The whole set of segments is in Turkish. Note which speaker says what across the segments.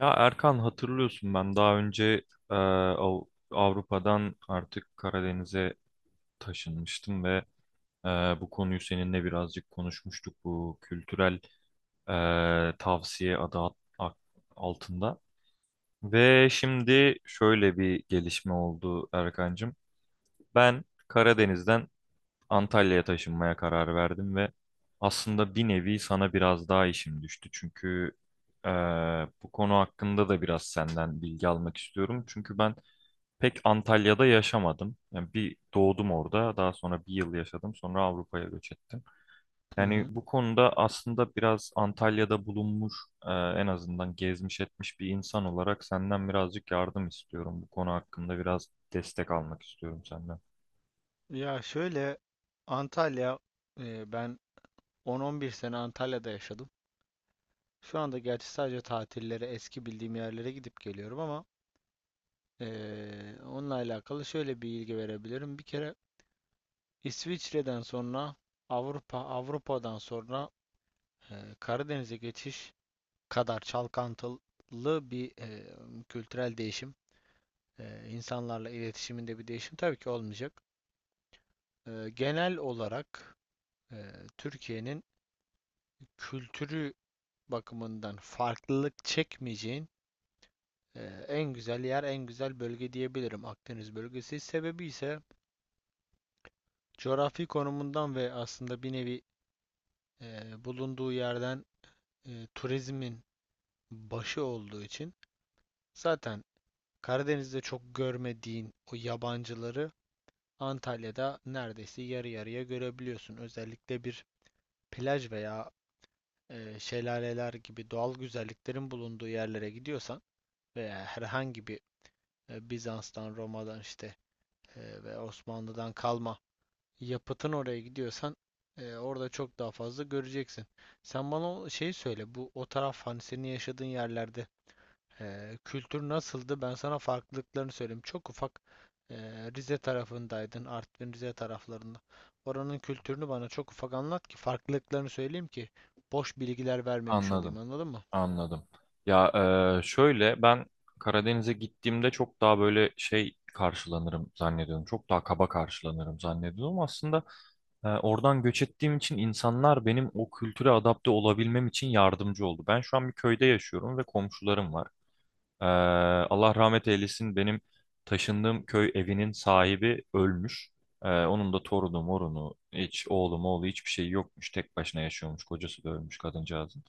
Speaker 1: Ya Erkan hatırlıyorsun ben daha önce e, Av- Avrupa'dan artık Karadeniz'e taşınmıştım ve e, bu konuyu seninle birazcık konuşmuştuk bu kültürel e, tavsiye altında. Ve şimdi şöyle bir gelişme oldu Erkancığım. Ben Karadeniz'den Antalya'ya taşınmaya karar verdim ve aslında bir nevi sana biraz daha işim düştü. Çünkü bu konu hakkında da biraz senden bilgi almak istiyorum. Çünkü ben pek Antalya'da yaşamadım. Yani bir doğdum orada, daha sonra bir yıl yaşadım, sonra Avrupa'ya göç ettim.
Speaker 2: Hı
Speaker 1: Yani
Speaker 2: hı.
Speaker 1: bu konuda aslında biraz Antalya'da bulunmuş, en azından gezmiş etmiş bir insan olarak senden birazcık yardım istiyorum. Bu konu hakkında biraz destek almak istiyorum senden.
Speaker 2: Ya şöyle, Antalya ben 10-11 sene Antalya'da yaşadım. Şu anda gerçi sadece tatillere eski bildiğim yerlere gidip geliyorum ama onunla alakalı şöyle bir bilgi verebilirim. Bir kere İsviçre'den sonra Avrupa'dan sonra Karadeniz'e geçiş kadar çalkantılı bir kültürel değişim. İnsanlarla iletişiminde bir değişim tabii ki olmayacak. Genel olarak e, Türkiye'nin kültürü bakımından farklılık çekmeyeceğin e, en güzel yer, en güzel bölge diyebilirim Akdeniz bölgesi. Sebebi ise coğrafi konumundan ve aslında bir nevi e, bulunduğu yerden turizmin başı olduğu için zaten Karadeniz'de çok görmediğin o yabancıları Antalya'da neredeyse yarı yarıya görebiliyorsun. Özellikle bir plaj veya şelaleler gibi doğal güzelliklerin bulunduğu yerlere gidiyorsan veya herhangi bir Bizans'tan, Roma'dan, işte ve Osmanlı'dan kalma yapıtın oraya gidiyorsan orada çok daha fazla göreceksin. Sen bana şey söyle. Bu o taraf, hani senin yaşadığın yerlerde kültür nasıldı? Ben sana farklılıklarını söyleyeyim. Çok ufak, e, Rize tarafındaydın, Artvin Rize taraflarında. Oranın kültürünü bana çok ufak anlat ki farklılıklarını söyleyeyim ki boş bilgiler vermemiş olayım.
Speaker 1: Anladım.
Speaker 2: Anladın mı?
Speaker 1: Anladım. Ya şöyle ben Karadeniz'e gittiğimde çok daha böyle şey karşılanırım zannediyorum. Çok daha kaba karşılanırım zannediyorum. Aslında oradan göç ettiğim için insanlar benim o kültüre adapte olabilmem için yardımcı oldu. Ben şu an bir köyde yaşıyorum ve komşularım var. E, Allah rahmet eylesin benim taşındığım köy evinin sahibi ölmüş. Onun da torunu morunu hiç oğlu moğlu hiçbir şey yokmuş. Tek başına yaşıyormuş. Kocası da ölmüş kadıncağızın.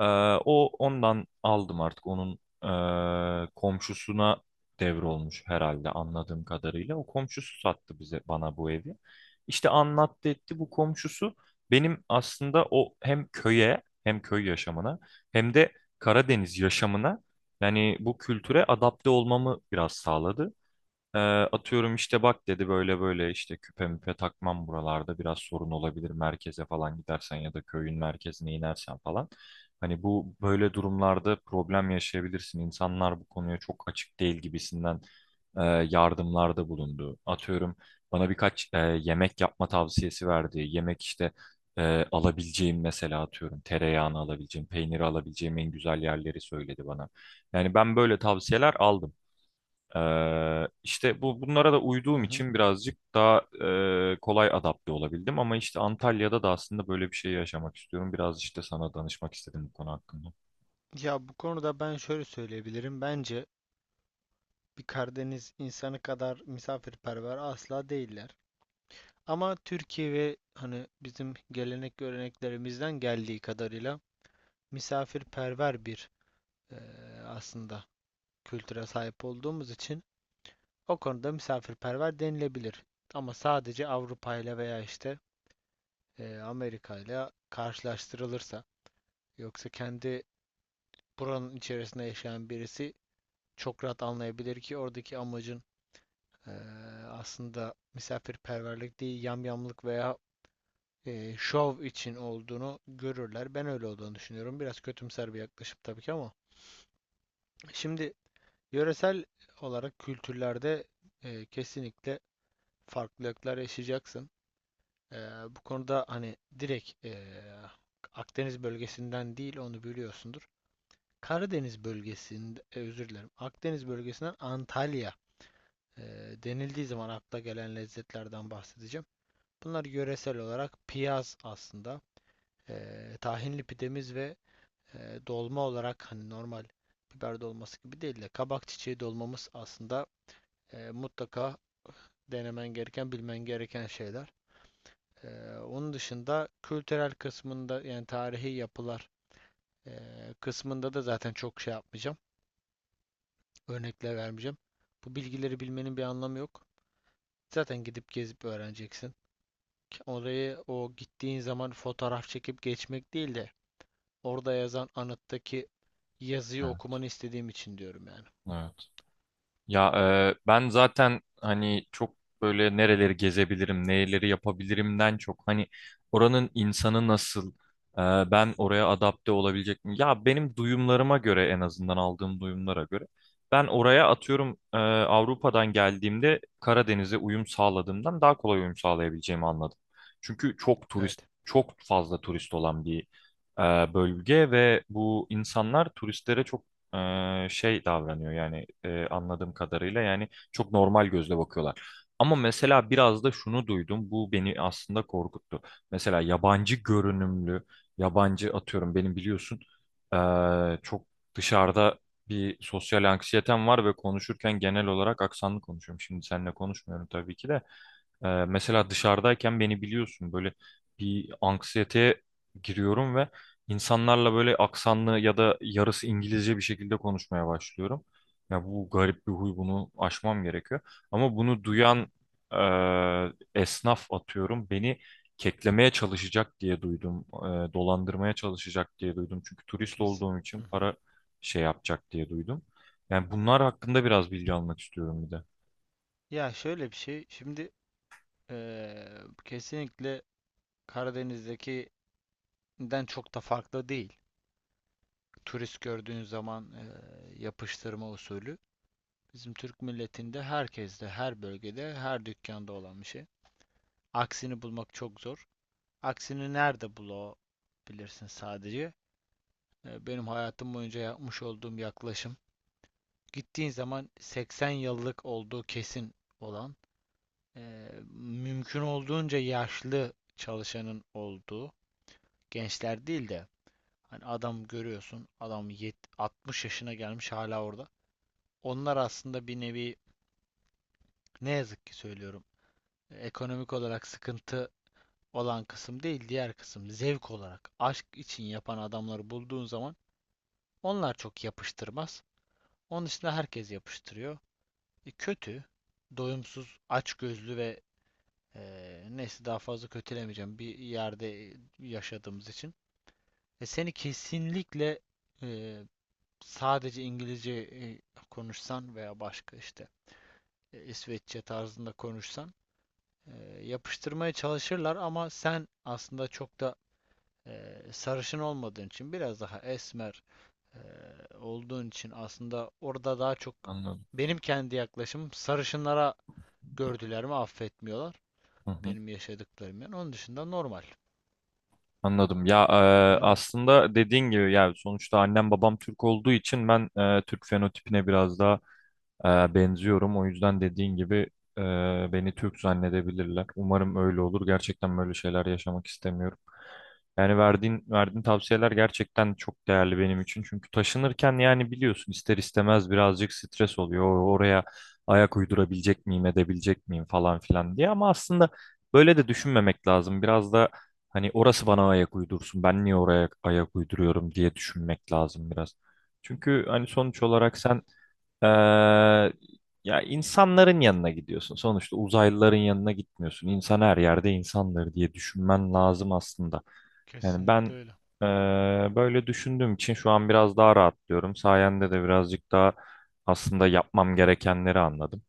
Speaker 1: Ee, o ondan aldım artık. Onun komşusuna devrolmuş herhalde anladığım kadarıyla. O komşusu sattı bana bu evi. İşte anlattı etti bu komşusu. Benim aslında o hem köye hem köy yaşamına hem de Karadeniz yaşamına yani bu kültüre adapte olmamı biraz sağladı. Ee, atıyorum işte bak dedi böyle böyle işte küpe müpe takmam buralarda biraz sorun olabilir, merkeze falan gidersen ya da köyün merkezine inersen falan. Hani bu böyle durumlarda problem yaşayabilirsin. İnsanlar bu konuya çok açık değil gibisinden e, yardımlarda bulundu. Atıyorum bana birkaç yemek yapma tavsiyesi verdi. Yemek işte alabileceğim, mesela atıyorum tereyağını alabileceğim, peyniri alabileceğim en güzel yerleri söyledi bana. Yani ben böyle tavsiyeler aldım. İşte bunlara da
Speaker 2: Hı
Speaker 1: uyduğum
Speaker 2: hı.
Speaker 1: için birazcık daha kolay adapte olabildim ama işte Antalya'da da aslında böyle bir şey yaşamak istiyorum. Biraz işte sana danışmak istedim bu konu hakkında.
Speaker 2: Ya bu konuda ben şöyle söyleyebilirim. Bence bir Karadeniz insanı kadar misafirperver asla değiller. Ama Türkiye ve hani bizim gelenek göreneklerimizden geldiği kadarıyla misafirperver bir eee, aslında kültüre sahip olduğumuz için o konuda misafirperver denilebilir. Ama sadece Avrupa ile veya işte Amerika ile karşılaştırılırsa, yoksa kendi buranın içerisinde yaşayan birisi çok rahat anlayabilir ki oradaki amacın Ee, aslında misafirperverlik değil, yamyamlık veya şov için olduğunu görürler. Ben öyle olduğunu düşünüyorum. Biraz kötümser bir yaklaşım tabii ki, ama. Şimdi yöresel olarak kültürlerde kesinlikle farklılıklar yaşayacaksın. Ee, Bu konuda hani direkt, Akdeniz bölgesinden değil, onu biliyorsundur. Karadeniz bölgesinde, özür dilerim. Akdeniz bölgesinden Antalya e, denildiği zaman akla gelen lezzetlerden bahsedeceğim. Bunlar yöresel olarak piyaz aslında. Tahinli pidemiz ve dolma olarak hani normal biber dolması gibi değil de kabak çiçeği dolmamız aslında mutlaka denemen gereken, bilmen gereken şeyler. Onun dışında kültürel kısmında, yani tarihi yapılar kısmında da zaten çok şey yapmayacağım. Örnekler vermeyeceğim. Bu bilgileri bilmenin bir anlamı yok. Zaten gidip gezip öğreneceksin. Orayı, o gittiğin zaman, fotoğraf çekip geçmek değil de orada yazan anıttaki yazıyı
Speaker 1: Evet.
Speaker 2: okumanı istediğim için diyorum, yani.
Speaker 1: Evet. Ya ben zaten hani çok böyle nereleri gezebilirim, neleri yapabilirimden çok hani oranın insanı nasıl, e, ben oraya adapte olabilecek miyim? Ya benim duyumlarıma göre, en azından aldığım duyumlara göre ben oraya atıyorum, Avrupa'dan geldiğimde Karadeniz'e uyum sağladığımdan daha kolay uyum sağlayabileceğimi anladım. Çünkü çok turist,
Speaker 2: Evet.
Speaker 1: çok fazla turist olan bir bölge ve bu insanlar turistlere çok şey davranıyor, yani anladığım kadarıyla yani çok normal gözle bakıyorlar. Ama mesela biraz da şunu duydum, bu beni aslında korkuttu. Mesela yabancı görünümlü yabancı, atıyorum benim biliyorsun e, çok dışarıda bir sosyal anksiyetem var ve konuşurken genel olarak aksanlı konuşuyorum. Şimdi seninle konuşmuyorum tabii ki de. Mesela dışarıdayken beni biliyorsun böyle bir anksiyeteye giriyorum ve İnsanlarla böyle aksanlı ya da yarısı İngilizce bir şekilde konuşmaya başlıyorum. Ya bu garip bir huy, bunu aşmam gerekiyor. Ama bunu
Speaker 2: Hı hı,
Speaker 1: duyan esnaf atıyorum beni keklemeye çalışacak diye duydum. Dolandırmaya çalışacak diye duydum. Çünkü turist
Speaker 2: kesin.
Speaker 1: olduğum
Speaker 2: Hı
Speaker 1: için
Speaker 2: hı.
Speaker 1: para şey yapacak diye duydum. Yani bunlar hakkında biraz bilgi almak istiyorum bir de.
Speaker 2: Ya şöyle bir şey. Şimdi kesinlikle Karadeniz'dekinden çok da farklı değil. Turist gördüğün zaman yapıştırma usulü. Bizim Türk milletinde herkeste, her bölgede, her dükkanda olan bir şey. Aksini bulmak çok zor. Aksini nerede bulabilirsin sadece? Benim hayatım boyunca yapmış olduğum yaklaşım, gittiğin zaman 80 yıllık olduğu kesin olan, eee, mümkün olduğunca yaşlı çalışanın olduğu, gençler değil de hani, adam görüyorsun, adam yet 60 yaşına gelmiş hala orada. Onlar aslında bir nevi, ne yazık ki söylüyorum, ekonomik olarak sıkıntı olan kısım değil, diğer kısım, zevk olarak aşk için yapan adamları bulduğun zaman, onlar çok yapıştırmaz. Onun dışında herkes yapıştırıyor. Kötü, doyumsuz, açgözlü ve neyse, daha fazla kötülemeyeceğim bir yerde yaşadığımız için. Seni kesinlikle e, sadece İngilizce konuşsan veya başka işte İsveççe tarzında konuşsan e, yapıştırmaya çalışırlar, ama sen aslında çok da sarışın olmadığın için, biraz daha esmer e, olduğun için aslında orada daha çok,
Speaker 1: Anladım.
Speaker 2: benim kendi yaklaşımım, sarışınlara gördüler mi affetmiyorlar.
Speaker 1: Hı hı.
Speaker 2: Benim yaşadıklarım yani. Onun dışında normal.
Speaker 1: Anladım. Ya
Speaker 2: Problem yok.
Speaker 1: aslında dediğin gibi yani sonuçta annem babam Türk olduğu için ben Türk fenotipine biraz daha benziyorum. O yüzden dediğin gibi e, beni Türk zannedebilirler. Umarım öyle olur. Gerçekten böyle şeyler yaşamak istemiyorum. Yani verdiğin tavsiyeler gerçekten çok değerli benim için. Çünkü taşınırken yani biliyorsun ister istemez birazcık stres oluyor. Oraya ayak uydurabilecek miyim, edebilecek miyim falan filan diye. Ama aslında böyle de düşünmemek lazım. Biraz da hani orası bana ayak uydursun. Ben niye oraya ayak uyduruyorum diye düşünmek lazım biraz. Çünkü hani sonuç olarak sen ee, ya insanların yanına gidiyorsun. Sonuçta uzaylıların yanına gitmiyorsun. İnsan her yerde insandır diye düşünmen lazım aslında. Yani ben
Speaker 2: Kesinlikle öyle.
Speaker 1: böyle düşündüğüm için şu an biraz daha rahatlıyorum. Sayende de birazcık daha aslında yapmam gerekenleri anladım.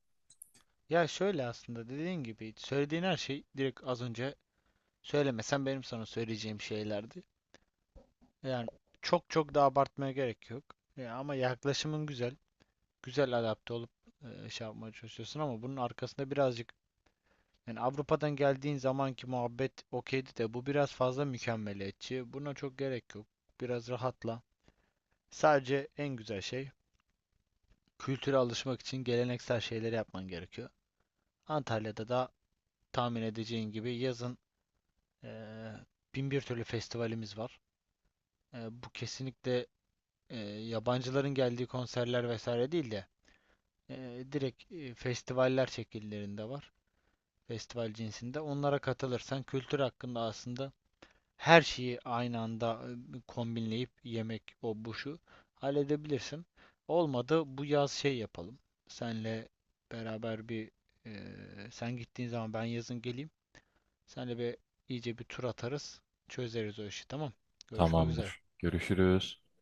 Speaker 2: Ya şöyle, aslında dediğin gibi, söylediğin her şey direkt az önce söylemesen benim sana söyleyeceğim şeylerdi. Yani çok çok da abartmaya gerek yok. Ya, ama yaklaşımın güzel. Güzel adapte olup şey yapmaya çalışıyorsun ama bunun arkasında birazcık, yani Avrupa'dan geldiğin zamanki muhabbet okeydi de bu biraz fazla mükemmeliyetçi. Buna çok gerek yok. Biraz rahatla. Sadece en güzel şey, kültüre alışmak için geleneksel şeyleri yapman gerekiyor. Antalya'da da tahmin edeceğin gibi yazın eee bin bir türlü festivalimiz var. Bu kesinlikle eee, yabancıların geldiği konserler vesaire değil de direkt festivaller şekillerinde var. Festival cinsinde. Onlara katılırsan kültür hakkında aslında her şeyi aynı anda, kombinleyip, yemek o bu şu, halledebilirsin. Olmadı bu yaz şey yapalım. Senle beraber bir sen gittiğin zaman ben yazın geleyim. Senle bir iyice bir tur atarız. Çözeriz o işi, tamam. Görüşmek üzere.
Speaker 1: Tamamdır. Görüşürüz.